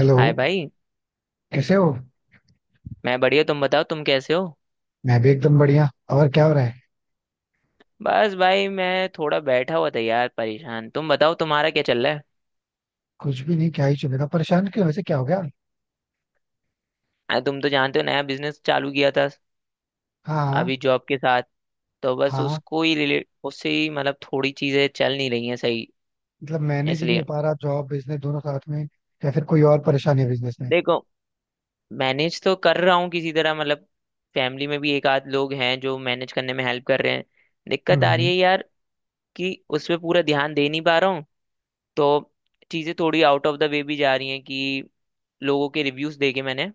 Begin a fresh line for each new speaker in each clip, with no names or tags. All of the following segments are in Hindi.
हेलो.
हाय भाई।
कैसे हो?
मैं बढ़िया, तुम बताओ तुम कैसे हो?
मैं भी एकदम बढ़िया. और क्या हो रहा है?
बस भाई मैं थोड़ा बैठा हुआ था यार, परेशान। तुम बताओ तुम्हारा क्या चल रहा है?
कुछ भी नहीं, क्या ही चलेगा. परेशान क्यों, वैसे क्या हो गया?
अरे तुम तो जानते हो, नया बिजनेस चालू किया था
हाँ, हाँ.
अभी जॉब के साथ। तो बस
हाँ,
उसको ही रिलेट, उससे ही मतलब थोड़ी चीजें चल नहीं रही हैं सही।
मतलब मैनेज ही नहीं
इसलिए
हो पा रहा, जॉब बिजनेस दोनों साथ में? या फिर कोई और परेशानी है बिजनेस में?
देखो, मैनेज तो कर रहा हूँ किसी तरह, मतलब फैमिली में भी एक आध लोग हैं जो मैनेज करने में हेल्प कर रहे हैं।
हम्म,
दिक्कत आ रही
हम्म.
है यार कि उस पर पूरा ध्यान दे नहीं पा रहा हूँ। तो चीजें थोड़ी आउट ऑफ द वे भी जा रही हैं कि लोगों के रिव्यूज देखे मैंने,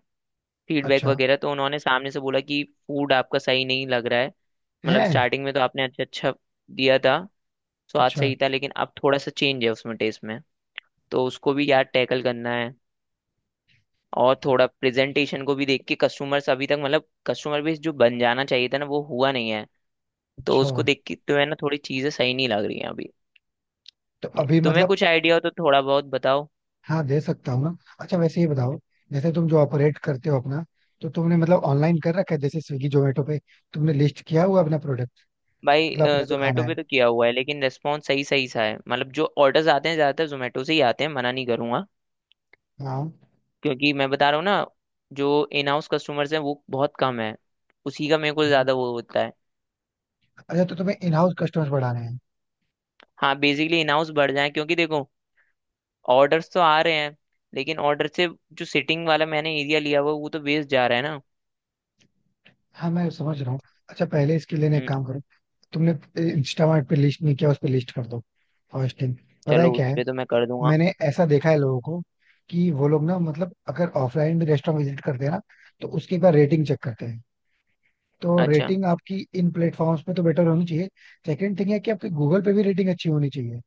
फीडबैक
अच्छा.
वगैरह तो उन्होंने सामने से बोला कि फूड आपका सही नहीं लग रहा है। मतलब
है.
स्टार्टिंग में तो आपने अच्छा अच्छा दिया था, स्वाद
अच्छा.
सही था, लेकिन अब थोड़ा सा चेंज है उसमें, टेस्ट में। तो उसको भी यार टैकल करना है। और थोड़ा प्रेजेंटेशन को भी देख के, कस्टमर्स अभी तक मतलब कस्टमर बेस जो बन जाना चाहिए था ना वो हुआ नहीं है। तो
अच्छा
उसको देख के तो है ना, थोड़ी चीजें सही नहीं लग रही हैं अभी।
तो अभी
तुम्हें
मतलब...
कुछ आइडिया हो तो थोड़ा बहुत बताओ।
हाँ दे सकता हूँ ना. अच्छा वैसे ये बताओ, जैसे तुम जो ऑपरेट करते हो अपना, तो तुमने मतलब ऑनलाइन कर रखा है, जैसे स्विगी जोमेटो पे तुमने लिस्ट किया हुआ अपना प्रोडक्ट,
भाई
मतलब अपना जो खाना
जोमेटो
है.
पे तो किया हुआ है, लेकिन रेस्पॉन्स सही सही सा है, मतलब जो ऑर्डर्स आते हैं ज्यादातर जोमेटो से ही आते हैं, मना नहीं करूंगा।
हाँ.
क्योंकि मैं बता रहा हूँ ना, जो इन हाउस कस्टमर्स हैं वो बहुत कम है। उसी का मेरे को
हम्म.
ज्यादा वो होता है।
अच्छा तो तुम्हें इन हाउस कस्टमर्स बढ़ाने हैं.
हाँ बेसिकली इन हाउस बढ़ जाए, क्योंकि देखो ऑर्डर्स तो आ रहे हैं, लेकिन ऑर्डर से जो सिटिंग वाला मैंने एरिया लिया हुआ है, वो तो वेस्ट जा रहा है ना।
हाँ मैं समझ रहा हूँ. अच्छा पहले इसके लिए ना एक
हम्म।
काम करो. तुमने इंस्टामार्ट पे लिस्ट नहीं किया, उस पे लिस्ट कर दो. First thing. पता है
चलो उस
क्या है,
पे तो मैं कर दूंगा।
मैंने ऐसा देखा है लोगों को कि वो लोग ना मतलब अगर ऑफलाइन भी रेस्टोरेंट विजिट करते हैं ना, तो उसकी एक बार रेटिंग चेक करते हैं. तो
अच्छा,
रेटिंग आपकी इन प्लेटफॉर्म्स पे तो बेटर होनी चाहिए. सेकंड थिंग है कि आपकी गूगल पे भी रेटिंग अच्छी होनी चाहिए.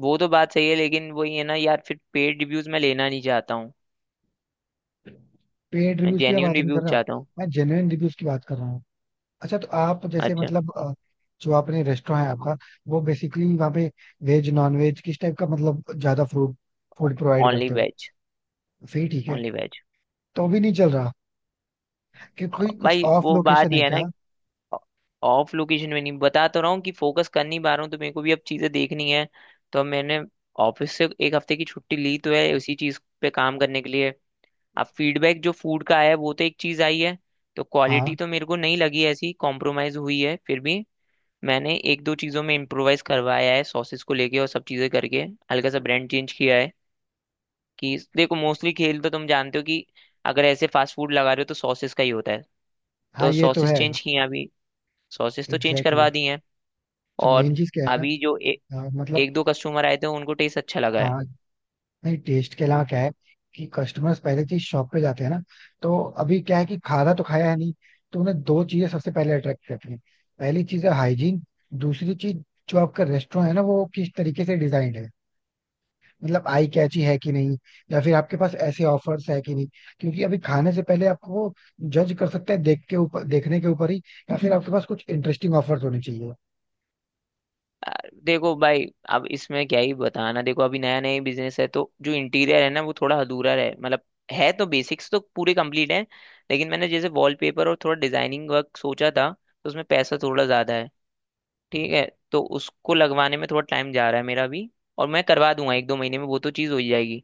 वो तो बात सही है लेकिन वही है ना यार, फिर पेड रिव्यूज मैं लेना नहीं चाहता हूँ।
पेड
मैं
रिव्यूज की मैं
जेन्यून
बात नहीं कर
रिव्यूज
रहा,
चाहता हूँ।
मैं जेन्युइन रिव्यूज की बात कर रहा हूँ. अच्छा तो आप जैसे
अच्छा।
मतलब जो आपने रेस्टोरेंट है आपका, वो बेसिकली वहाँ पे वेज नॉन वेज किस टाइप का, मतलब ज्यादा फूड फूड प्रोवाइड
ओनली
करते हो?
वेज।
फिर ठीक है.
Only veg.
तो भी नहीं चल रहा? कि कोई कुछ
भाई
ऑफ
वो बात
लोकेशन
ही
है
है
क्या?
ना, ऑफ लोकेशन में नहीं, बता तो रहा हूँ कि फोकस कर नहीं पा रहा हूँ, तो मेरे को भी अब चीजें देखनी है। तो अब मैंने ऑफिस से एक हफ्ते की छुट्टी ली तो है उसी चीज पे काम करने के लिए। अब फीडबैक जो फूड का आया है वो तो एक चीज आई है। तो क्वालिटी
हाँ.
तो मेरे को नहीं लगी ऐसी कॉम्प्रोमाइज हुई है, फिर भी मैंने एक दो चीजों में इम्प्रोवाइज करवाया है, सॉसेस को लेके और सब चीजें करके। हल्का सा ब्रांड चेंज किया है कि देखो, मोस्टली खेल तो तुम जानते हो कि अगर ऐसे फास्ट फूड लगा रहे हो तो सॉसेस का ही होता है।
हाँ
तो
ये तो
सॉसेस
है.
चेंज किए हैं अभी। सॉसेस तो चेंज
एग्जैक्टली exactly.
करवा दी हैं।
तो
और
मेन चीज क्या है?
अभी जो
ना
एक
मतलब...
दो कस्टमर आए थे उनको टेस्ट अच्छा लगा है।
हाँ. नहीं टेस्ट के अलावा क्या है? कि कस्टमर्स पहले चीज शॉप पे जाते हैं ना, तो अभी क्या है कि खाना तो खाया है नहीं. तो उन्हें दो चीजें सबसे पहले अट्रैक्ट करती हैं. पहली चीज है हाइजीन. दूसरी चीज, जो आपका रेस्टोरेंट है ना, वो किस तरीके से डिजाइंड है. मतलब आई कैची है कि नहीं, या फिर आपके पास ऐसे ऑफर्स है कि नहीं. क्योंकि अभी खाने से पहले आपको वो जज कर सकते हैं, देख के ऊपर, देखने के ऊपर ही. या फिर आपके पास कुछ इंटरेस्टिंग ऑफर्स होने चाहिए.
आ, देखो भाई, अब इसमें क्या ही बताना, देखो अभी नया नया बिजनेस है तो जो इंटीरियर है ना वो थोड़ा अधूरा है, मतलब है तो बेसिक्स तो पूरे कंप्लीट है। लेकिन मैंने जैसे वॉलपेपर और थोड़ा डिजाइनिंग वर्क सोचा था तो उसमें पैसा थोड़ा ज्यादा है, ठीक है, तो उसको लगवाने में थोड़ा टाइम जा रहा है मेरा भी। और मैं करवा दूंगा एक दो महीने में, वो तो चीज़ हो ही जाएगी।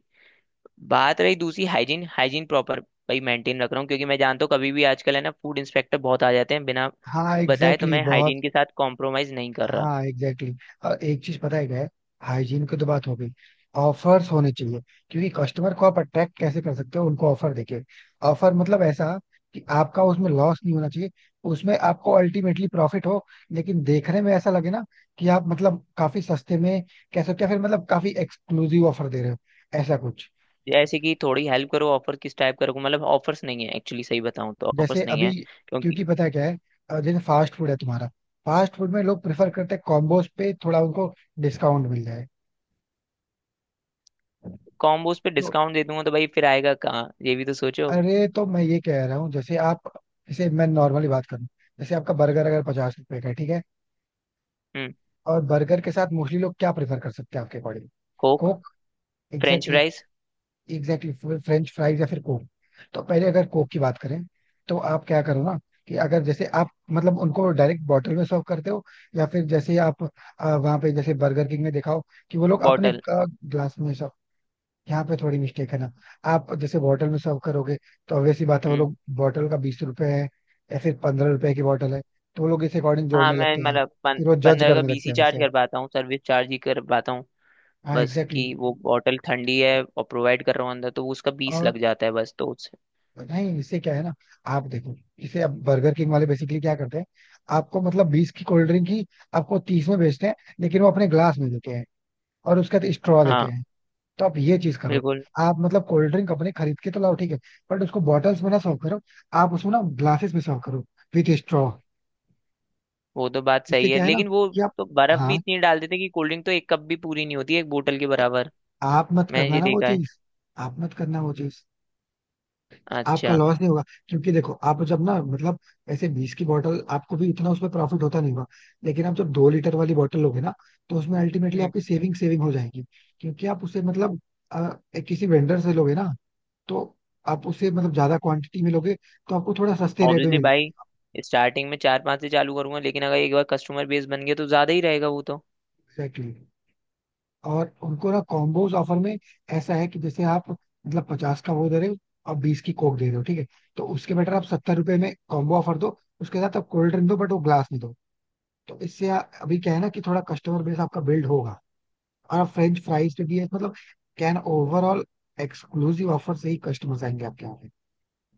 बात रही दूसरी, हाइजीन। हाइजीन प्रॉपर भाई मेंटेन रख रहा हूँ, क्योंकि मैं जानता हूँ कभी भी आजकल है ना फूड इंस्पेक्टर बहुत आ जाते हैं बिना
हाँ
बताए, तो
एग्जैक्टली
मैं
exactly, बहुत.
हाइजीन के साथ कॉम्प्रोमाइज नहीं कर रहा।
हाँ एग्जैक्टली exactly. और एक चीज पता है क्या है, हाइजीन की तो बात हो गई. ऑफर्स होने चाहिए, क्योंकि कस्टमर को आप अट्रैक्ट कैसे कर सकते हो, उनको ऑफर देके. ऑफर मतलब ऐसा कि आपका उसमें लॉस नहीं होना चाहिए, उसमें आपको अल्टीमेटली प्रॉफिट हो, लेकिन देखने में ऐसा लगे ना कि आप मतलब काफी सस्ते में कह सकते हो, या फिर मतलब काफी एक्सक्लूसिव ऑफर दे रहे हो, ऐसा कुछ.
जैसे कि थोड़ी हेल्प करो, ऑफर किस टाइप का रखूँ, मतलब ऑफर्स नहीं है एक्चुअली, सही बताऊँ तो
जैसे
ऑफर्स नहीं
अभी,
है। क्योंकि
क्योंकि पता है क्या है, जैसे फास्ट फूड है तुम्हारा. फास्ट फूड में लोग प्रेफर करते हैं कॉम्बोज पे, थोड़ा उनको डिस्काउंट मिल जाए.
कॉम्बोज पे
तो
डिस्काउंट दे दूंगा तो भाई फिर आएगा कहाँ, ये भी तो सोचो।
अरे तो मैं ये कह रहा हूँ, जैसे आप, जैसे मैं नॉर्मली बात करूँ, जैसे आपका बर्गर अगर 50 रुपए का है, ठीक है.
हम्म।
और बर्गर के साथ मोस्टली लोग क्या प्रेफर कर सकते हैं आपके according?
Coke.
Coke.
French
exactly.
Fries.
Exactly. French fries या फिर कोक. तो पहले अगर कोक की बात करें, तो आप क्या करो ना, कि अगर जैसे आप मतलब उनको डायरेक्ट बॉटल में सर्व करते हो, या फिर जैसे आप वहाँ पे जैसे बर्गर किंग में देखा हो कि वो लोग अपने
बॉटल।
ग्लास में... यहाँ पे थोड़ी मिस्टेक है ना. आप जैसे बॉटल में सर्व करोगे, तो obvious सी बात है, वो
हम्म।
लोग बॉटल का 20 रुपए है, या फिर 15 रुपए की बॉटल है, तो वो लोग इस अकॉर्डिंग
हाँ
जोड़ने
मैं
लगते हैं.
मतलब पं,
फिर वो जज
पंद्रह का
करने
बीस
लगते
ही
हैं
चार्ज
वैसे.
कर पाता हूँ, सर्विस चार्ज ही कर पाता हूँ।
हाँ
बस
एग्जैक्टली exactly.
कि वो बॉटल ठंडी है और प्रोवाइड कर रहा हूँ अंदर तो वो उसका बीस
और
लग जाता है बस, तो उससे
नहीं, इससे क्या है ना, आप देखो जैसे अब बर्गर किंग वाले बेसिकली क्या करते हैं, आपको मतलब 20 की कोल्ड ड्रिंक ही आपको 30 में बेचते हैं. लेकिन वो अपने ग्लास में देते हैं, और उसके साथ स्ट्रॉ देते
हाँ
हैं. तो आप ये चीज करो,
बिल्कुल।
आप मतलब कोल्ड ड्रिंक अपने खरीद के तो लाओ, ठीक है, बट उसको बॉटल्स में ना सर्व करो, आप उसमें ना ग्लासेस में सर्व करो, विथ स्ट्रॉ.
वो तो बात
इससे
सही है
क्या है ना
लेकिन वो
कि आप...
तो बर्फ भी
हाँ,
इतनी डाल देते हैं कि कोल्ड ड्रिंक तो एक कप भी पूरी नहीं होती है एक बोतल के
तो
बराबर।
आप मत
मैंने
करना
ये
ना वो
देखा है।
चीज, आप मत करना वो चीज. आपका
अच्छा।
लॉस नहीं होगा. क्योंकि देखो आप जब ना मतलब, ऐसे 20 की बॉटल आपको भी इतना उसमें प्रॉफिट होता नहीं होगा, लेकिन आप जब 2 लीटर वाली बॉटल लोगे ना, तो उसमें अल्टीमेटली आपकी सेविंग सेविंग हो जाएगी. क्योंकि आप उसे मतलब अ, एक किसी वेंडर से लोगे ना, तो आप उसे मतलब ज्यादा क्वांटिटी में लोगे, तो आपको थोड़ा सस्ते रेट में
ऑब्वियसली
मिल
भाई।
जाएगा.
स्टार्टिंग में चार पांच से चालू करूंगा लेकिन अगर एक बार कस्टमर बेस बन गया तो ज्यादा ही रहेगा वो तो।
एग्जैक्टली. और उनको ना कॉम्बोज ऑफर में ऐसा है कि जैसे आप मतलब 50 का वो दे रहे हो, और 20 की कोक दे रहे हो, ठीक है, तो उसके बेटर आप 70 रुपए में कॉम्बो ऑफर दो, उसके साथ आप कोल्ड ड्रिंक दो बट वो ग्लास में दो. तो इससे अभी क्या है ना कि थोड़ा कस्टमर बेस आपका बिल्ड होगा. और आप फ्रेंच फ्राइज पे भी है मतलब, कैन ओवरऑल एक्सक्लूसिव ऑफर से ही कस्टमर्स आएंगे आपके यहाँ.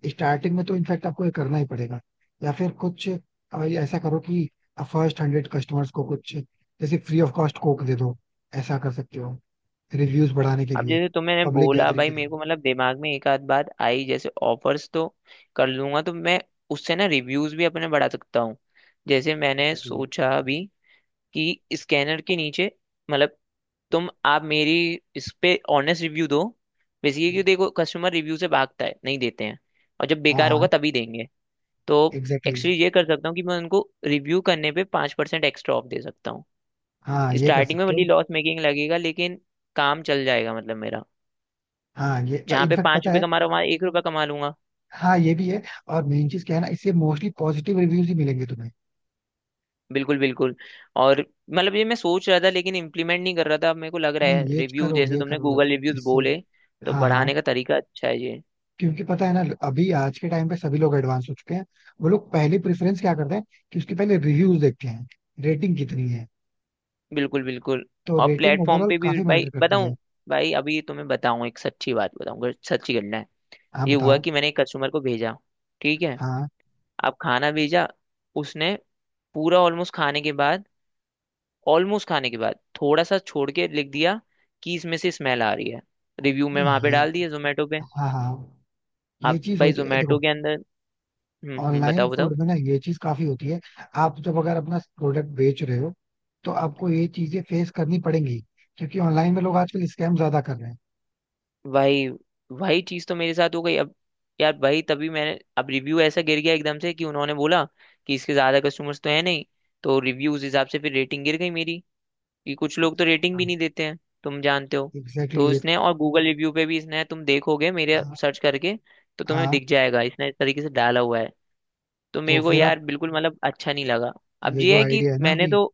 स्टार्टिंग में तो इनफैक्ट आपको ये करना ही पड़ेगा. या फिर कुछ ये ऐसा करो कि फर्स्ट 100 कस्टमर्स को कुछ जैसे फ्री ऑफ कॉस्ट कोक दे दो. ऐसा कर सकते हो, रिव्यूज बढ़ाने के
अब
लिए,
जैसे तुमने
पब्लिक
बोला
गैदरिंग
भाई
के लिए.
मेरे को मतलब दिमाग में एक आध बात आई, जैसे ऑफर्स तो कर लूंगा तो मैं उससे ना रिव्यूज भी अपने बढ़ा सकता हूँ। जैसे मैंने
एग्जैक्टली.
सोचा अभी कि स्कैनर के नीचे, मतलब तुम आप मेरी इस पे ऑनेस्ट रिव्यू दो, बेसिकली कि देखो कस्टमर रिव्यू से भागता है, नहीं देते हैं। और जब
हाँ,
बेकार
हाँ
होगा तभी देंगे। तो
एग्जैक्टली exactly.
एक्चुअली ये कर सकता हूँ कि मैं उनको रिव्यू करने पे 5% एक्स्ट्रा ऑफ दे सकता हूँ।
हाँ ये कर
स्टार्टिंग में
सकते हो.
भले लॉस मेकिंग लगेगा लेकिन काम चल जाएगा, मतलब मेरा।
हाँ ये
जहाँ पे
इनफैक्ट
पाँच
पता
रुपये
है.
कमा रहा हूँ वहाँ 1 रुपया कमा लूंगा।
हाँ ये भी है. और मेन चीज क्या है ना, इससे मोस्टली पॉजिटिव रिव्यूज ही मिलेंगे तुम्हें.
बिल्कुल बिल्कुल। और मतलब ये मैं सोच रहा था लेकिन इम्प्लीमेंट नहीं कर रहा था, अब मेरे को लग रहा
नहीं
है
ये
रिव्यू,
करो,
जैसे
ये
तुमने
करो
गूगल रिव्यूज
इससे.
बोले, तो
हाँ, हाँ.
बढ़ाने का तरीका अच्छा है।
क्योंकि पता है ना, अभी आज के टाइम पे सभी लोग एडवांस हो चुके हैं. वो लोग पहले प्रेफरेंस क्या करते हैं, कि उसके पहले रिव्यूज देखते हैं, रेटिंग कितनी है.
बिल्कुल बिल्कुल।
तो
और
रेटिंग
प्लेटफॉर्म
ओवरऑल
पे भी
काफी
भाई
मैटर करती
बताऊं,
है.
भाई अभी तुम्हें बताऊं एक सच्ची बात बताऊं, अगर सच्ची घटना है।
हाँ
ये हुआ
बताओ.
कि मैंने एक कस्टमर को भेजा, ठीक है,
हाँ.
अब खाना भेजा। उसने पूरा ऑलमोस्ट खाने के बाद, ऑलमोस्ट खाने के बाद थोड़ा सा छोड़ के लिख दिया कि इसमें से स्मेल आ रही है, रिव्यू में
नहीं
वहां पे
ये...
डाल दिया जोमेटो पे।
हाँ, हाँ, ये
अब
चीज
भाई
होती है
जोमेटो
देखो.
के अंदर। हम्म,
ऑनलाइन
बताओ
फूड
बताओ।
में ना ये चीज काफी होती है. आप जब अगर अपना प्रोडक्ट बेच रहे हो, तो आपको ये चीजें फेस करनी पड़ेंगी, क्योंकि ऑनलाइन में लोग आजकल स्कैम ज्यादा कर रहे हैं.
वही, वही चीज तो मेरे साथ हो गई अब यार, वही तभी मैंने, अब रिव्यू ऐसा गिर गया एकदम से कि उन्होंने बोला कि इसके ज्यादा कस्टमर्स तो है नहीं, तो रिव्यू उस हिसाब से, फिर रेटिंग गिर गई मेरी, कि कुछ लोग तो रेटिंग भी
हाँ.
नहीं देते हैं, तुम जानते हो। तो
एग्जैक्टली ये...
इसने और गूगल रिव्यू पे भी इसने, तुम देखोगे मेरे
हाँ,
सर्च करके तो तुम्हें
हाँ.
दिख जाएगा, इसने इस तरीके से डाला हुआ है। तो
तो
मेरे को
फिर आप...
यार बिल्कुल मतलब अच्छा नहीं लगा। अब
ये जो
ये है कि
आइडिया है ना
मैंने
अभी...
तो,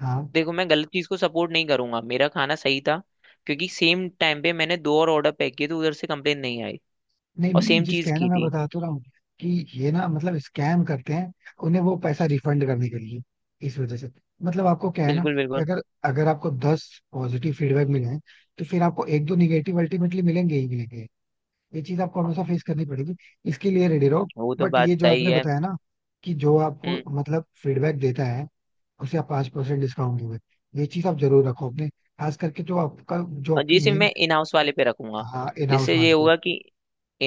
हाँ.
देखो मैं गलत चीज को सपोर्ट नहीं करूंगा, मेरा खाना सही था, क्योंकि सेम टाइम पे मैंने दो और ऑर्डर पैक किए तो उधर से कंप्लेन नहीं आई,
नहीं
और
मेन
सेम
जिस
चीज
कहना
की
मैं
थी।
बता तो रहा हूँ, कि ये ना मतलब स्कैम करते हैं, उन्हें वो पैसा रिफंड करने के लिए, इस वजह से. मतलब आपको क्या है ना
बिल्कुल
कि
बिल्कुल।
अगर अगर आपको 10 पॉजिटिव फीडबैक मिले हैं, तो फिर आपको एक दो निगेटिव अल्टीमेटली मिलेंगे ही मिलेंगे. ये चीज आपको हमेशा फेस करनी पड़ेगी, इसके लिए रेडी रहो.
वो तो
बट
बात
ये जो
सही
आपने
है।
बताया ना, कि जो आपको
हम्म।
मतलब फीडबैक देता है उसे आप 5% डिस्काउंट दोगे, ये चीज आप जरूर रखो अपने, खास करके जो आपका जो
और
आपकी
जैसे
मेन...
मैं इन हाउस वाले पे रखूंगा,
हाँ इन हाउस
जिससे ये
वाले को.
होगा कि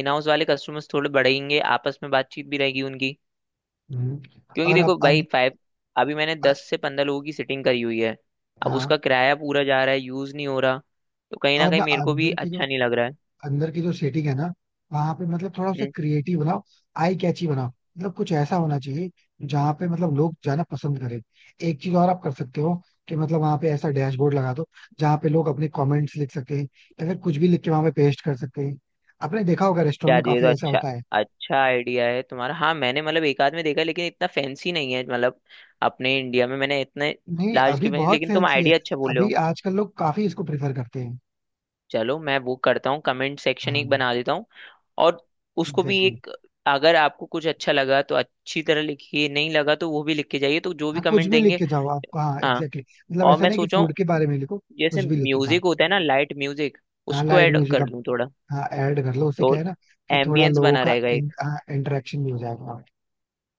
इन हाउस वाले कस्टमर्स थोड़े बढ़ेंगे, आपस में बातचीत भी रहेगी उनकी।
हम्म.
क्योंकि
और आप
देखो भाई फाइव, अभी मैंने 10 से 15 लोगों की सिटिंग करी हुई है। अब उसका
हाँ.
किराया पूरा जा रहा है, यूज नहीं हो रहा, तो कहीं ना
और
कहीं
ना
मेरे को भी
अंदर की जो,
अच्छा नहीं लग रहा है।
सेटिंग है ना, वहां पे मतलब थोड़ा उसे
हम्म।
क्रिएटिव बनाओ, आई कैची बनाओ. मतलब कुछ ऐसा होना चाहिए जहाँ पे मतलब लोग जाना पसंद करें. एक चीज और आप कर सकते हो, कि मतलब वहां पे ऐसा डैशबोर्ड लगा दो जहाँ पे लोग अपने कमेंट्स लिख सकते हैं, या फिर कुछ भी लिख के वहां पे पेस्ट कर सकते हैं. आपने देखा होगा रेस्टोरेंट में
यार ये तो
काफी ऐसा
अच्छा,
होता है.
अच्छा आइडिया है तुम्हारा। हाँ मैंने मतलब एक आध में देखा है, लेकिन इतना फैंसी नहीं है मतलब, अपने इंडिया में मैंने इतने
नहीं
लार्ज के
अभी
बने,
बहुत
लेकिन तुम
फैंसी है.
आइडिया अच्छा बोल।
अभी आजकल लोग काफी इसको प्रेफर करते हैं.
चलो मैं वो करता हूँ, कमेंट सेक्शन
हाँ
एक बना देता हूँ। और उसको भी
एग्जैक्टली.
एक, अगर आपको कुछ अच्छा लगा तो अच्छी तरह लिखिए, नहीं लगा तो वो भी लिख के जाइए। तो जो भी
हाँ कुछ
कमेंट
भी लिख
देंगे,
के जाओ आप. हाँ
हाँ।
Exactly exactly. मतलब
और
ऐसा
मैं
नहीं कि
सोचा
फूड के
हूँ
बारे में लिखो,
जैसे
कुछ भी लिख के जाओ.
म्यूजिक होता है ना, लाइट म्यूजिक,
हाँ
उसको
लाइट
ऐड
म्यूजिक
कर
आप...
लूँ थोड़ा,
हाँ ऐड कर लो. उससे
तो
क्या है ना कि थोड़ा
एम्बियंस
लोगों
बना
का
रहेगा एक।
इंटरेक्शन भी हो जाएगा,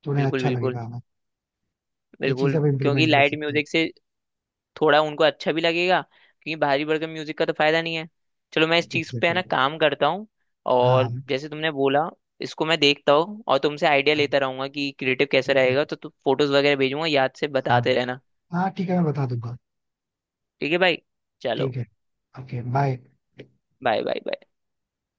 थोड़ा
बिल्कुल
अच्छा
बिल्कुल।
लगेगा हमें. ये
बिल्कुल,
चीज आप
क्योंकि
इम्प्लीमेंट कर
लाइट
सकते हो.
म्यूजिक से थोड़ा उनको अच्छा भी लगेगा, क्योंकि भारी भरकम म्यूजिक का तो फायदा नहीं है। चलो मैं इस चीज
एग्जैक्टली
पे है
exactly.
ना काम करता हूँ।
हाँ,
और
हाँ.
जैसे तुमने बोला, इसको मैं देखता हूँ और तुमसे आइडिया
हाँ,
लेता रहूंगा कि क्रिएटिव कैसे
ठीक है.
रहेगा, तो तुम फोटोज वगैरह भेजूंगा याद से
हाँ.
बताते रहना।
हाँ ठीक है मैं बता दूंगा.
ठीक है भाई। चलो,
ठीक है. Okay bye.
Bye bye bye.